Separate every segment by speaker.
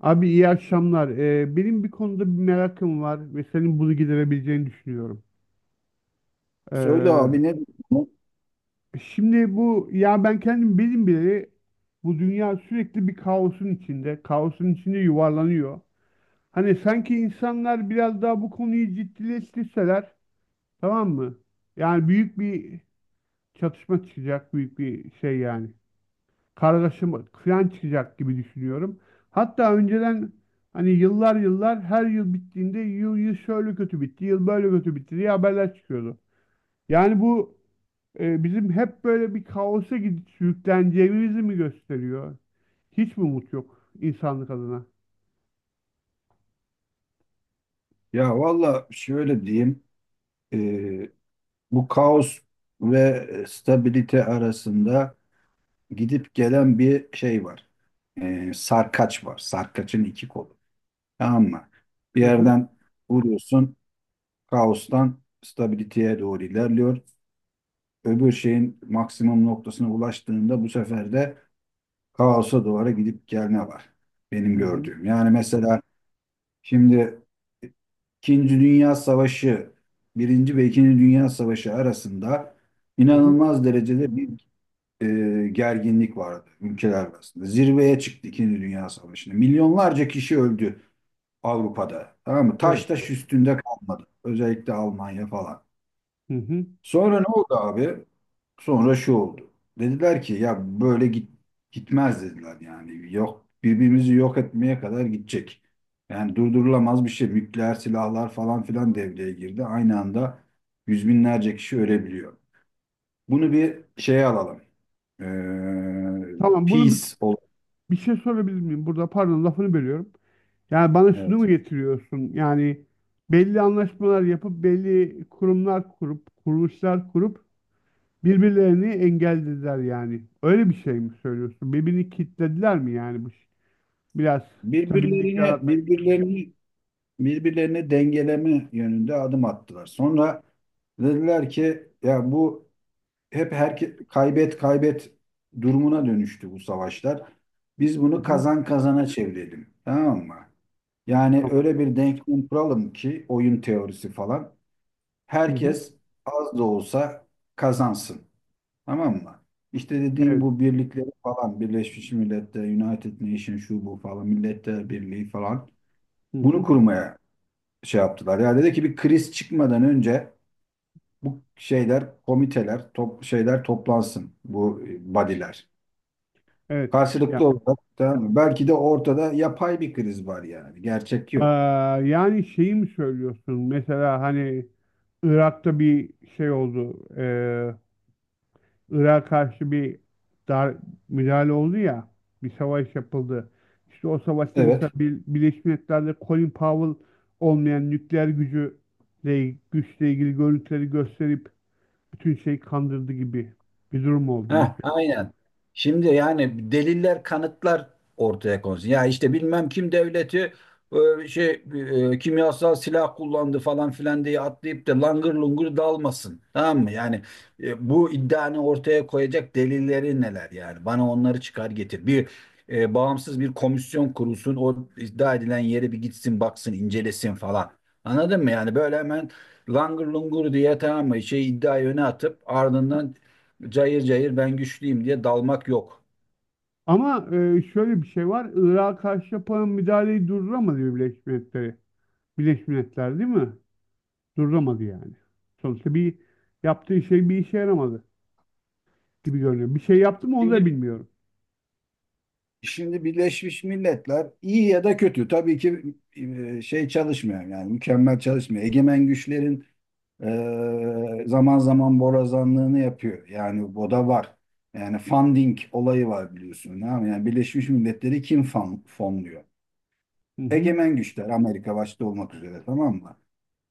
Speaker 1: Abi iyi akşamlar. Benim bir konuda bir merakım var ve senin bunu giderebileceğini düşünüyorum.
Speaker 2: Söyle
Speaker 1: Ee,
Speaker 2: abi ne diyorsun?
Speaker 1: Şimdi bu ya ben kendim benim bile bu dünya sürekli bir kaosun içinde, kaosun içinde yuvarlanıyor. Hani sanki insanlar biraz daha bu konuyu ciddileştirseler, tamam mı? Yani büyük bir çatışma çıkacak, büyük bir şey yani. Kargaşa kıyan çıkacak gibi düşünüyorum. Hatta önceden hani yıllar yıllar her yıl bittiğinde yıl şöyle kötü bitti, yıl böyle kötü bitti diye haberler çıkıyordu. Yani bu bizim hep böyle bir kaosa gidip sürükleneceğimizi mi gösteriyor? Hiç mi umut yok insanlık adına?
Speaker 2: Ya valla şöyle diyeyim. e, Bu kaos ve stabilite arasında gidip gelen bir şey var. Sarkaç var. Sarkaçın iki kolu. Tamam mı? Bir
Speaker 1: Hı hı,
Speaker 2: yerden vuruyorsun. Kaostan stabiliteye doğru ilerliyor. Öbür şeyin maksimum noktasına ulaştığında bu sefer de kaosa doğru gidip gelme var. Benim
Speaker 1: hı hı,
Speaker 2: gördüğüm. Yani mesela şimdi İkinci Dünya Savaşı, Birinci ve İkinci Dünya Savaşı arasında
Speaker 1: hı hı,
Speaker 2: inanılmaz derecede bir gerginlik vardı ülkeler arasında. Zirveye çıktı İkinci Dünya Savaşı'nda. Milyonlarca kişi öldü Avrupa'da. Tamam mı? Taş
Speaker 1: evet,
Speaker 2: taş üstünde kalmadı. Özellikle Almanya falan.
Speaker 1: hı hı.
Speaker 2: Sonra ne oldu abi? Sonra şu oldu. Dediler ki ya böyle git, gitmez dediler yani. Yok, birbirimizi yok etmeye kadar gidecek. Yani durdurulamaz bir şey. Nükleer silahlar falan filan devreye girdi. Aynı anda yüz binlerce kişi ölebiliyor. Bunu bir şeye alalım. Ee,
Speaker 1: Tamam,
Speaker 2: peace ol.
Speaker 1: bir şey sorabilir miyim? Burada pardon lafını bölüyorum. Yani bana şunu mu
Speaker 2: Evet.
Speaker 1: getiriyorsun? Yani belli anlaşmalar yapıp belli kurumlar kurup kuruluşlar kurup birbirlerini engellediler yani. Öyle bir şey mi söylüyorsun? Birbirini kilitlediler mi yani biraz stabillik
Speaker 2: Birbirlerine
Speaker 1: yaratmak için?
Speaker 2: birbirlerini birbirlerini dengeleme yönünde adım attılar. Sonra dediler ki ya bu hep kaybet kaybet durumuna dönüştü bu savaşlar. Biz
Speaker 1: Hı
Speaker 2: bunu
Speaker 1: hı,
Speaker 2: kazan kazana çevirelim. Tamam mı? Yani
Speaker 1: tamam.
Speaker 2: öyle bir denklem kuralım ki oyun teorisi falan.
Speaker 1: Hı hı,
Speaker 2: Herkes az da olsa kazansın. Tamam mı? İşte dediğim
Speaker 1: evet.
Speaker 2: bu birlikleri falan, Birleşmiş Milletler, United Nations şu bu falan, Milletler Birliği falan
Speaker 1: Hı
Speaker 2: bunu
Speaker 1: hı,
Speaker 2: kurmaya şey yaptılar. Ya dedi ki bir kriz çıkmadan önce bu şeyler, komiteler, şeyler toplansın, bu body'ler.
Speaker 1: evet. Ya,
Speaker 2: Karşılıklı olarak tamam mı? Belki de ortada yapay bir kriz var yani. Gerçek yok.
Speaker 1: yani şeyi mi söylüyorsun? Mesela hani Irak'ta bir şey oldu. Irak'a karşı bir dar müdahale oldu ya, bir savaş yapıldı. İşte o savaşta mesela
Speaker 2: Evet.
Speaker 1: Birleşmiş Milletler'de Colin Powell olmayan nükleer gücüyle güçle ilgili görüntüleri gösterip bütün şeyi kandırdı gibi bir durum oldu
Speaker 2: Heh,
Speaker 1: mesela.
Speaker 2: aynen. Şimdi yani deliller, kanıtlar ortaya konsun. Ya işte bilmem kim devleti, şey, kimyasal silah kullandı falan filan diye atlayıp da langır lungur dalmasın. Tamam mı? Yani bu iddianı ortaya koyacak delilleri neler yani? Bana onları çıkar getir. Bağımsız bir komisyon kurulsun. O iddia edilen yere bir gitsin, baksın, incelesin falan. Anladın mı? Yani böyle hemen langır lungur diye tamam mı? Şey iddiayı öne atıp ardından cayır cayır ben güçlüyüm diye dalmak yok.
Speaker 1: Ama şöyle bir şey var. Irak'a karşı yapılan müdahaleyi durduramadı Birleşmiş Milletler. Birleşmiş Milletler değil mi? Durduramadı yani. Sonuçta bir yaptığı şey bir işe yaramadı gibi görünüyor. Bir şey yaptı mı onu da
Speaker 2: Şimdi
Speaker 1: bilmiyorum.
Speaker 2: şimdi Birleşmiş Milletler iyi ya da kötü tabii ki şey çalışmıyor yani mükemmel çalışmıyor. Egemen güçlerin zaman zaman borazanlığını yapıyor. Yani bu da var. Yani funding olayı var biliyorsun. Tamam mı? Yani Birleşmiş Milletleri kim fonluyor?
Speaker 1: Hı hı.
Speaker 2: Egemen güçler Amerika başta olmak üzere tamam mı?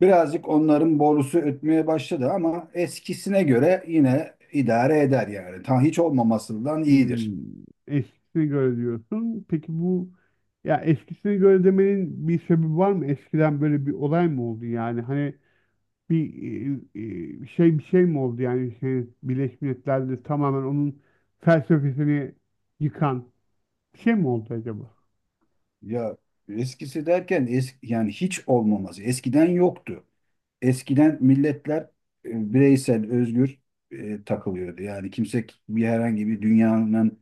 Speaker 2: Birazcık onların borusu ötmeye başladı ama eskisine göre yine idare eder yani. Ta hiç olmamasından iyidir.
Speaker 1: Hmm, eskisine göre diyorsun. Peki bu ya eskisine göre demenin bir sebebi var mı? Eskiden böyle bir olay mı oldu yani? Hani bir şey bir şey mi oldu yani şey, Birleşmiş Milletler'de tamamen onun felsefesini yıkan bir şey mi oldu acaba?
Speaker 2: Ya eskisi derken yani hiç olmaması. Eskiden yoktu. Eskiden milletler bireysel, özgür takılıyordu. Yani kimse bir herhangi bir dünyanın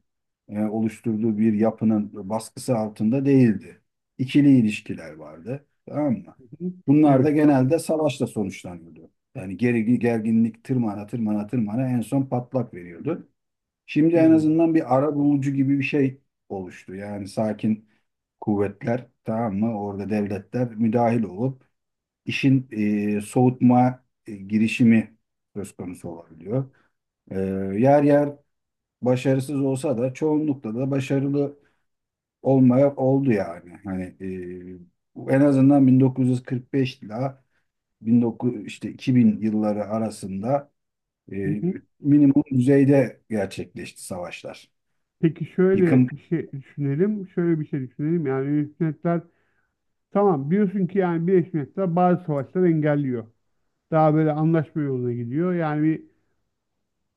Speaker 2: oluşturduğu bir yapının baskısı altında değildi. İkili ilişkiler vardı. Tamam mı?
Speaker 1: Hı hı.
Speaker 2: Bunlar da
Speaker 1: Evet.
Speaker 2: genelde savaşla sonuçlanıyordu. Yani gerginlik tırmana tırmana tırmana en son patlak veriyordu. Şimdi en
Speaker 1: Hmm.
Speaker 2: azından bir arabulucu gibi bir şey oluştu. Yani sakin kuvvetler tamam mı? Orada devletler müdahil olup işin soğutma girişimi söz konusu olabiliyor. E, yer yer başarısız olsa da çoğunlukla da başarılı olmaya oldu yani. Hani en azından 1945 ile 19 işte 2000 yılları arasında e,
Speaker 1: Hı hı.
Speaker 2: minimum düzeyde gerçekleşti savaşlar.
Speaker 1: Peki
Speaker 2: Yıkım
Speaker 1: şöyle bir şey düşünelim. Şöyle bir şey düşünelim. Yani Birleşmiş Milletler tamam biliyorsun ki yani Birleşmiş Milletler bazı savaşları engelliyor. Daha böyle anlaşma yoluna gidiyor. Yani bir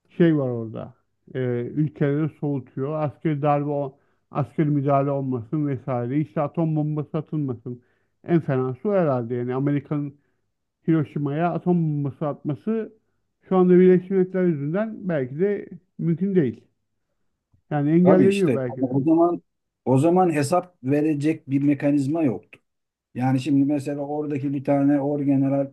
Speaker 1: şey var orada. E, ülkeleri soğutuyor. Askeri müdahale olmasın vesaire. İşte atom bombası atılmasın. En fenası o herhalde. Yani Amerika'nın Hiroşima'ya atom bombası atması şu anda Birleşmiş Milletler yüzünden belki de mümkün değil. Yani
Speaker 2: tabii
Speaker 1: engelleniyor
Speaker 2: işte,
Speaker 1: belki
Speaker 2: ama
Speaker 1: de.
Speaker 2: o zaman hesap verecek bir mekanizma yoktu. Yani şimdi mesela oradaki bir tane orgeneral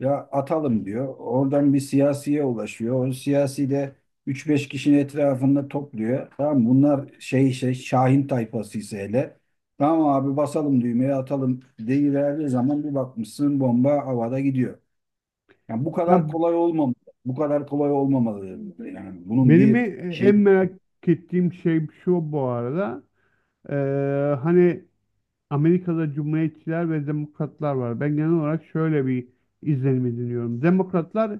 Speaker 2: ya atalım diyor. Oradan bir siyasiye ulaşıyor. O siyasi de üç beş kişinin etrafında topluyor. Tamam mı? Bunlar şey Şahin tayfası ise hele. Tamam abi basalım düğmeye atalım deyiverdiği zaman bir bakmışsın bomba havada gidiyor. Yani bu
Speaker 1: Ya
Speaker 2: kadar kolay olmamalı. Bu kadar kolay olmamalı. Yani bunun
Speaker 1: benim
Speaker 2: bir
Speaker 1: e-
Speaker 2: şey.
Speaker 1: en merak ettiğim şey şu bu arada. E, hani Amerika'da cumhuriyetçiler ve demokratlar var. Ben genel olarak şöyle bir izlenim ediniyorum. Demokratlar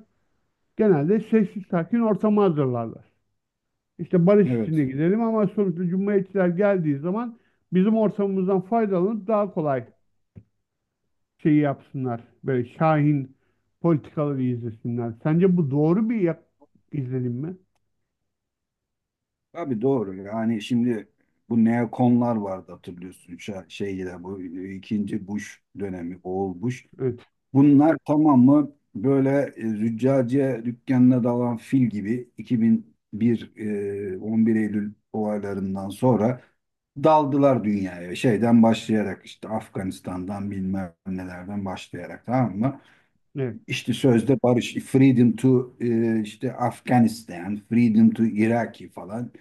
Speaker 1: genelde sessiz sakin ortamı hazırlarlar. İşte barış
Speaker 2: Evet.
Speaker 1: içinde gidelim ama sonuçta cumhuriyetçiler geldiği zaman bizim ortamımızdan faydalanıp daha kolay şeyi yapsınlar. Böyle şahin politikaları izlesinler. Sence bu doğru izlenim mi?
Speaker 2: Tabii doğru. Yani şimdi bu neokonlar vardı hatırlıyorsun. Şeyde bu ikinci Bush dönemi, oğul Bush.
Speaker 1: Evet.
Speaker 2: Bunlar tamamı böyle züccaciye dükkanına dalan fil gibi 2001 11 Eylül olaylarından sonra daldılar dünyaya. Şeyden başlayarak işte Afganistan'dan bilmem nelerden başlayarak tamam mı?
Speaker 1: Evet.
Speaker 2: İşte sözde barış, freedom to işte Afganistan, freedom to Iraki falan.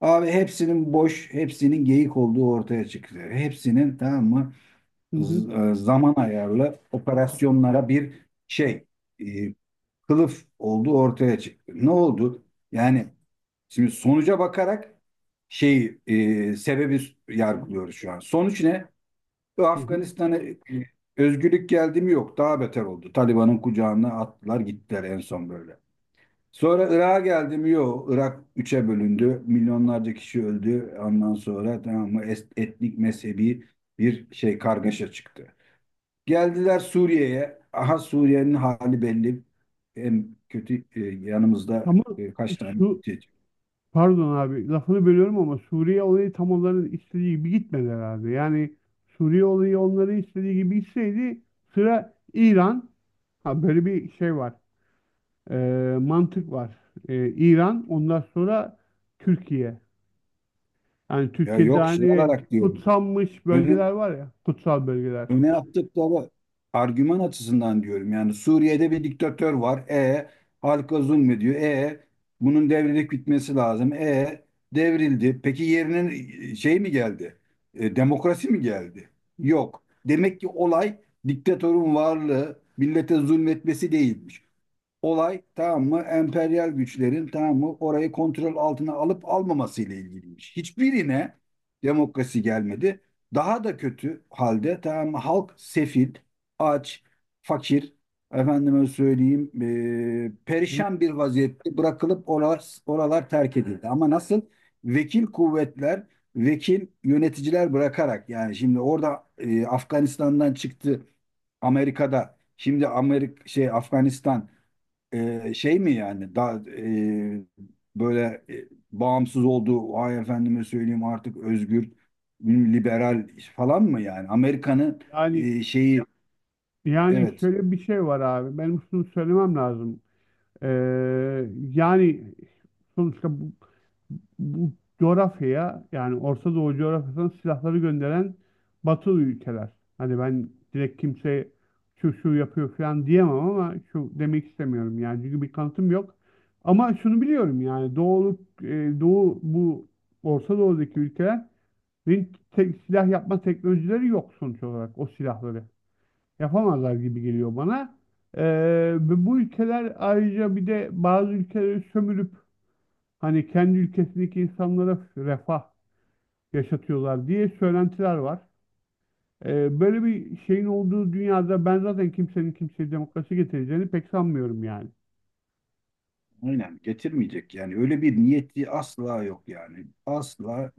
Speaker 2: Abi hepsinin boş, hepsinin geyik olduğu ortaya çıktı. Hepsinin tamam mı
Speaker 1: Hı hı.
Speaker 2: zaman ayarlı operasyonlara bir şey e, kılıf olduğu ortaya çıktı. Ne oldu? Yani şimdi sonuca bakarak şeyi sebebi yargılıyoruz şu an. Sonuç ne? Ve
Speaker 1: Hı hı.
Speaker 2: Afganistan'a özgürlük geldi mi, yok. Daha beter oldu. Taliban'ın kucağına attılar gittiler en son böyle. Sonra Irak'a geldi mi, yok. Irak üçe bölündü. Milyonlarca kişi öldü. Ondan sonra tamam mı etnik mezhebi bir şey kargaşa çıktı. Geldiler Suriye'ye. Aha Suriye'nin hali belli. En kötü yanımızda
Speaker 1: Ama
Speaker 2: kaç tane
Speaker 1: şu
Speaker 2: mülteci.
Speaker 1: Pardon abi lafını bölüyorum ama Suriye olayı tam onların istediği gibi gitmedi herhalde. Yani Suriye olayı onların istediği gibi gitseydi sıra İran. Ha böyle bir şey var. Mantık var. İran ondan sonra Türkiye. Yani
Speaker 2: Ya
Speaker 1: Türkiye'de
Speaker 2: yok şey
Speaker 1: hani
Speaker 2: olarak diyorum.
Speaker 1: kutsanmış bölgeler
Speaker 2: Ön-
Speaker 1: var ya kutsal bölgeler.
Speaker 2: öne attıkları argüman açısından diyorum. Yani Suriye'de bir diktatör var. E, halka zulmediyor. E, bunun devrilip bitmesi lazım. E, devrildi. Peki yerine şey mi geldi? Demokrasi mi geldi? Yok. Demek ki olay diktatörün varlığı millete zulmetmesi değilmiş, olay tamam mı emperyal güçlerin tamam mı orayı kontrol altına alıp almaması ile ilgiliymiş. Hiçbirine demokrasi gelmedi. Daha da kötü halde tamam mı halk sefil, aç, fakir, efendime söyleyeyim
Speaker 1: Hı
Speaker 2: perişan bir vaziyette bırakılıp oralar, oralar terk edildi. Ama nasıl vekil kuvvetler, vekil yöneticiler bırakarak yani şimdi orada Afganistan'dan çıktı Amerika'da. Şimdi Amerika şey Afganistan şey mi yani daha böyle bağımsız olduğu ay efendime söyleyeyim artık özgür liberal falan mı yani Amerika'nın
Speaker 1: Yani
Speaker 2: şeyi
Speaker 1: Yani
Speaker 2: evet
Speaker 1: şöyle bir şey var abi. Benim şunu söylemem lazım. Ee, Yani sonuçta bu coğrafyaya yani Orta Doğu coğrafyasına silahları gönderen Batılı ülkeler. Hani ben direkt kimseye şu şu yapıyor falan diyemem ama şu demek istemiyorum yani çünkü bir kanıtım yok. Ama şunu biliyorum yani Doğu, Doğu bu Orta Doğu'daki ülkelerin silah yapma teknolojileri yok sonuç olarak o silahları. Yapamazlar gibi geliyor bana. Ee, Ve bu ülkeler ayrıca bir de bazı ülkeleri sömürüp hani kendi ülkesindeki insanlara refah yaşatıyorlar diye söylentiler var. Böyle bir şeyin olduğu dünyada ben zaten kimsenin kimseye demokrasi getireceğini pek sanmıyorum yani.
Speaker 2: aynen getirmeyecek yani öyle bir niyeti asla yok yani asla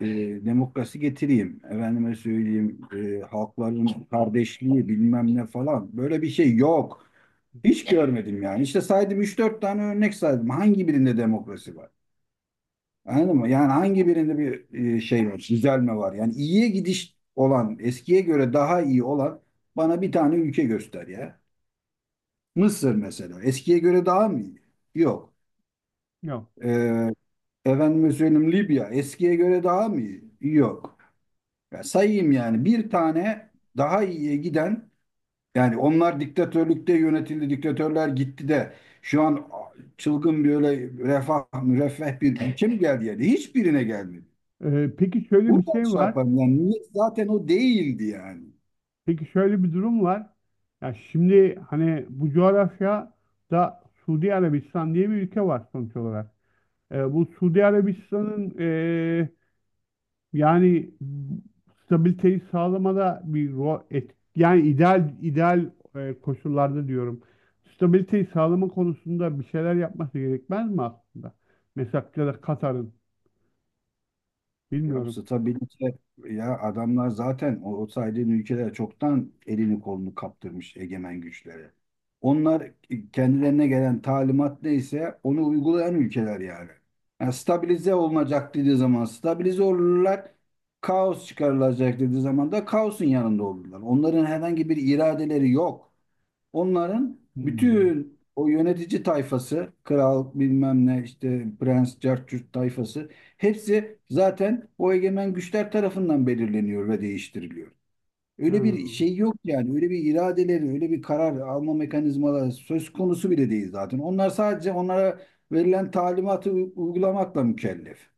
Speaker 2: e, demokrasi getireyim efendime söyleyeyim halkların kardeşliği bilmem ne falan böyle bir şey yok hiç görmedim yani işte saydım üç dört tane örnek saydım hangi birinde demokrasi var? Anladın mı? Yani hangi birinde bir şey var, düzelme var? Yani iyiye gidiş olan, eskiye göre daha iyi olan bana bir tane ülke göster ya. Mısır mesela. Eskiye göre daha mı iyi? Yok.
Speaker 1: Yok.
Speaker 2: Ee, efendime söyleyeyim Libya. Eskiye göre daha mı iyi? Yok. Ya sayayım yani bir tane daha iyiye giden, yani onlar diktatörlükte yönetildi, diktatörler gitti de şu an çılgın böyle refah, müreffeh bir ülke mi geldi yani? Hiçbirine gelmedi.
Speaker 1: Peki şöyle bir
Speaker 2: Buradan
Speaker 1: şey
Speaker 2: şey
Speaker 1: var.
Speaker 2: yaparım yani niyet zaten o değildi yani.
Speaker 1: Peki şöyle bir durum var. Ya şimdi hani bu coğrafyada Suudi Arabistan diye bir ülke var sonuç olarak. Bu Suudi Arabistan'ın yani stabiliteyi sağlamada bir rol et. Yani ideal koşullarda diyorum. Stabiliteyi sağlama konusunda bir şeyler yapması gerekmez mi aslında? Mesela ya da Katar'ın
Speaker 2: Ya
Speaker 1: bilmiyorum.
Speaker 2: stabilite, ya adamlar zaten o saydığın ülkeler çoktan elini kolunu kaptırmış egemen güçlere. Onlar kendilerine gelen talimat neyse onu uygulayan ülkeler yani. Yani stabilize olunacak dediği zaman stabilize olurlar. Kaos çıkarılacak dediği zaman da kaosun yanında olurlar. Onların herhangi bir iradeleri yok. Onların
Speaker 1: Hmm.
Speaker 2: bütün o yönetici tayfası, kral bilmem ne işte prens, cartçurt tayfası hepsi zaten o egemen güçler tarafından belirleniyor ve değiştiriliyor.
Speaker 1: Ha,
Speaker 2: Öyle bir şey yok yani. Öyle bir iradeleri, öyle bir karar alma mekanizmaları söz konusu bile değil zaten. Onlar sadece onlara verilen talimatı uygulamakla mükellef.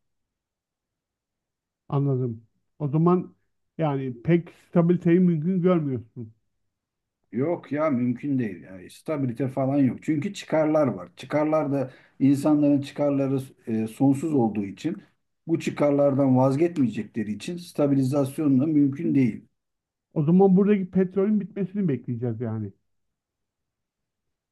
Speaker 1: anladım. O zaman yani pek stabiliteyi mümkün görmüyorsun.
Speaker 2: Yok ya mümkün değil. Yani stabilite falan yok. Çünkü çıkarlar var. Çıkarlar da insanların çıkarları sonsuz olduğu için bu çıkarlardan vazgeçmeyecekleri için stabilizasyon da mümkün değil.
Speaker 1: O zaman buradaki petrolün bitmesini bekleyeceğiz yani.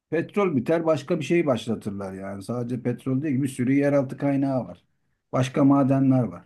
Speaker 2: Petrol biter başka bir şey başlatırlar yani. Sadece petrol değil bir sürü yeraltı kaynağı var. Başka madenler var.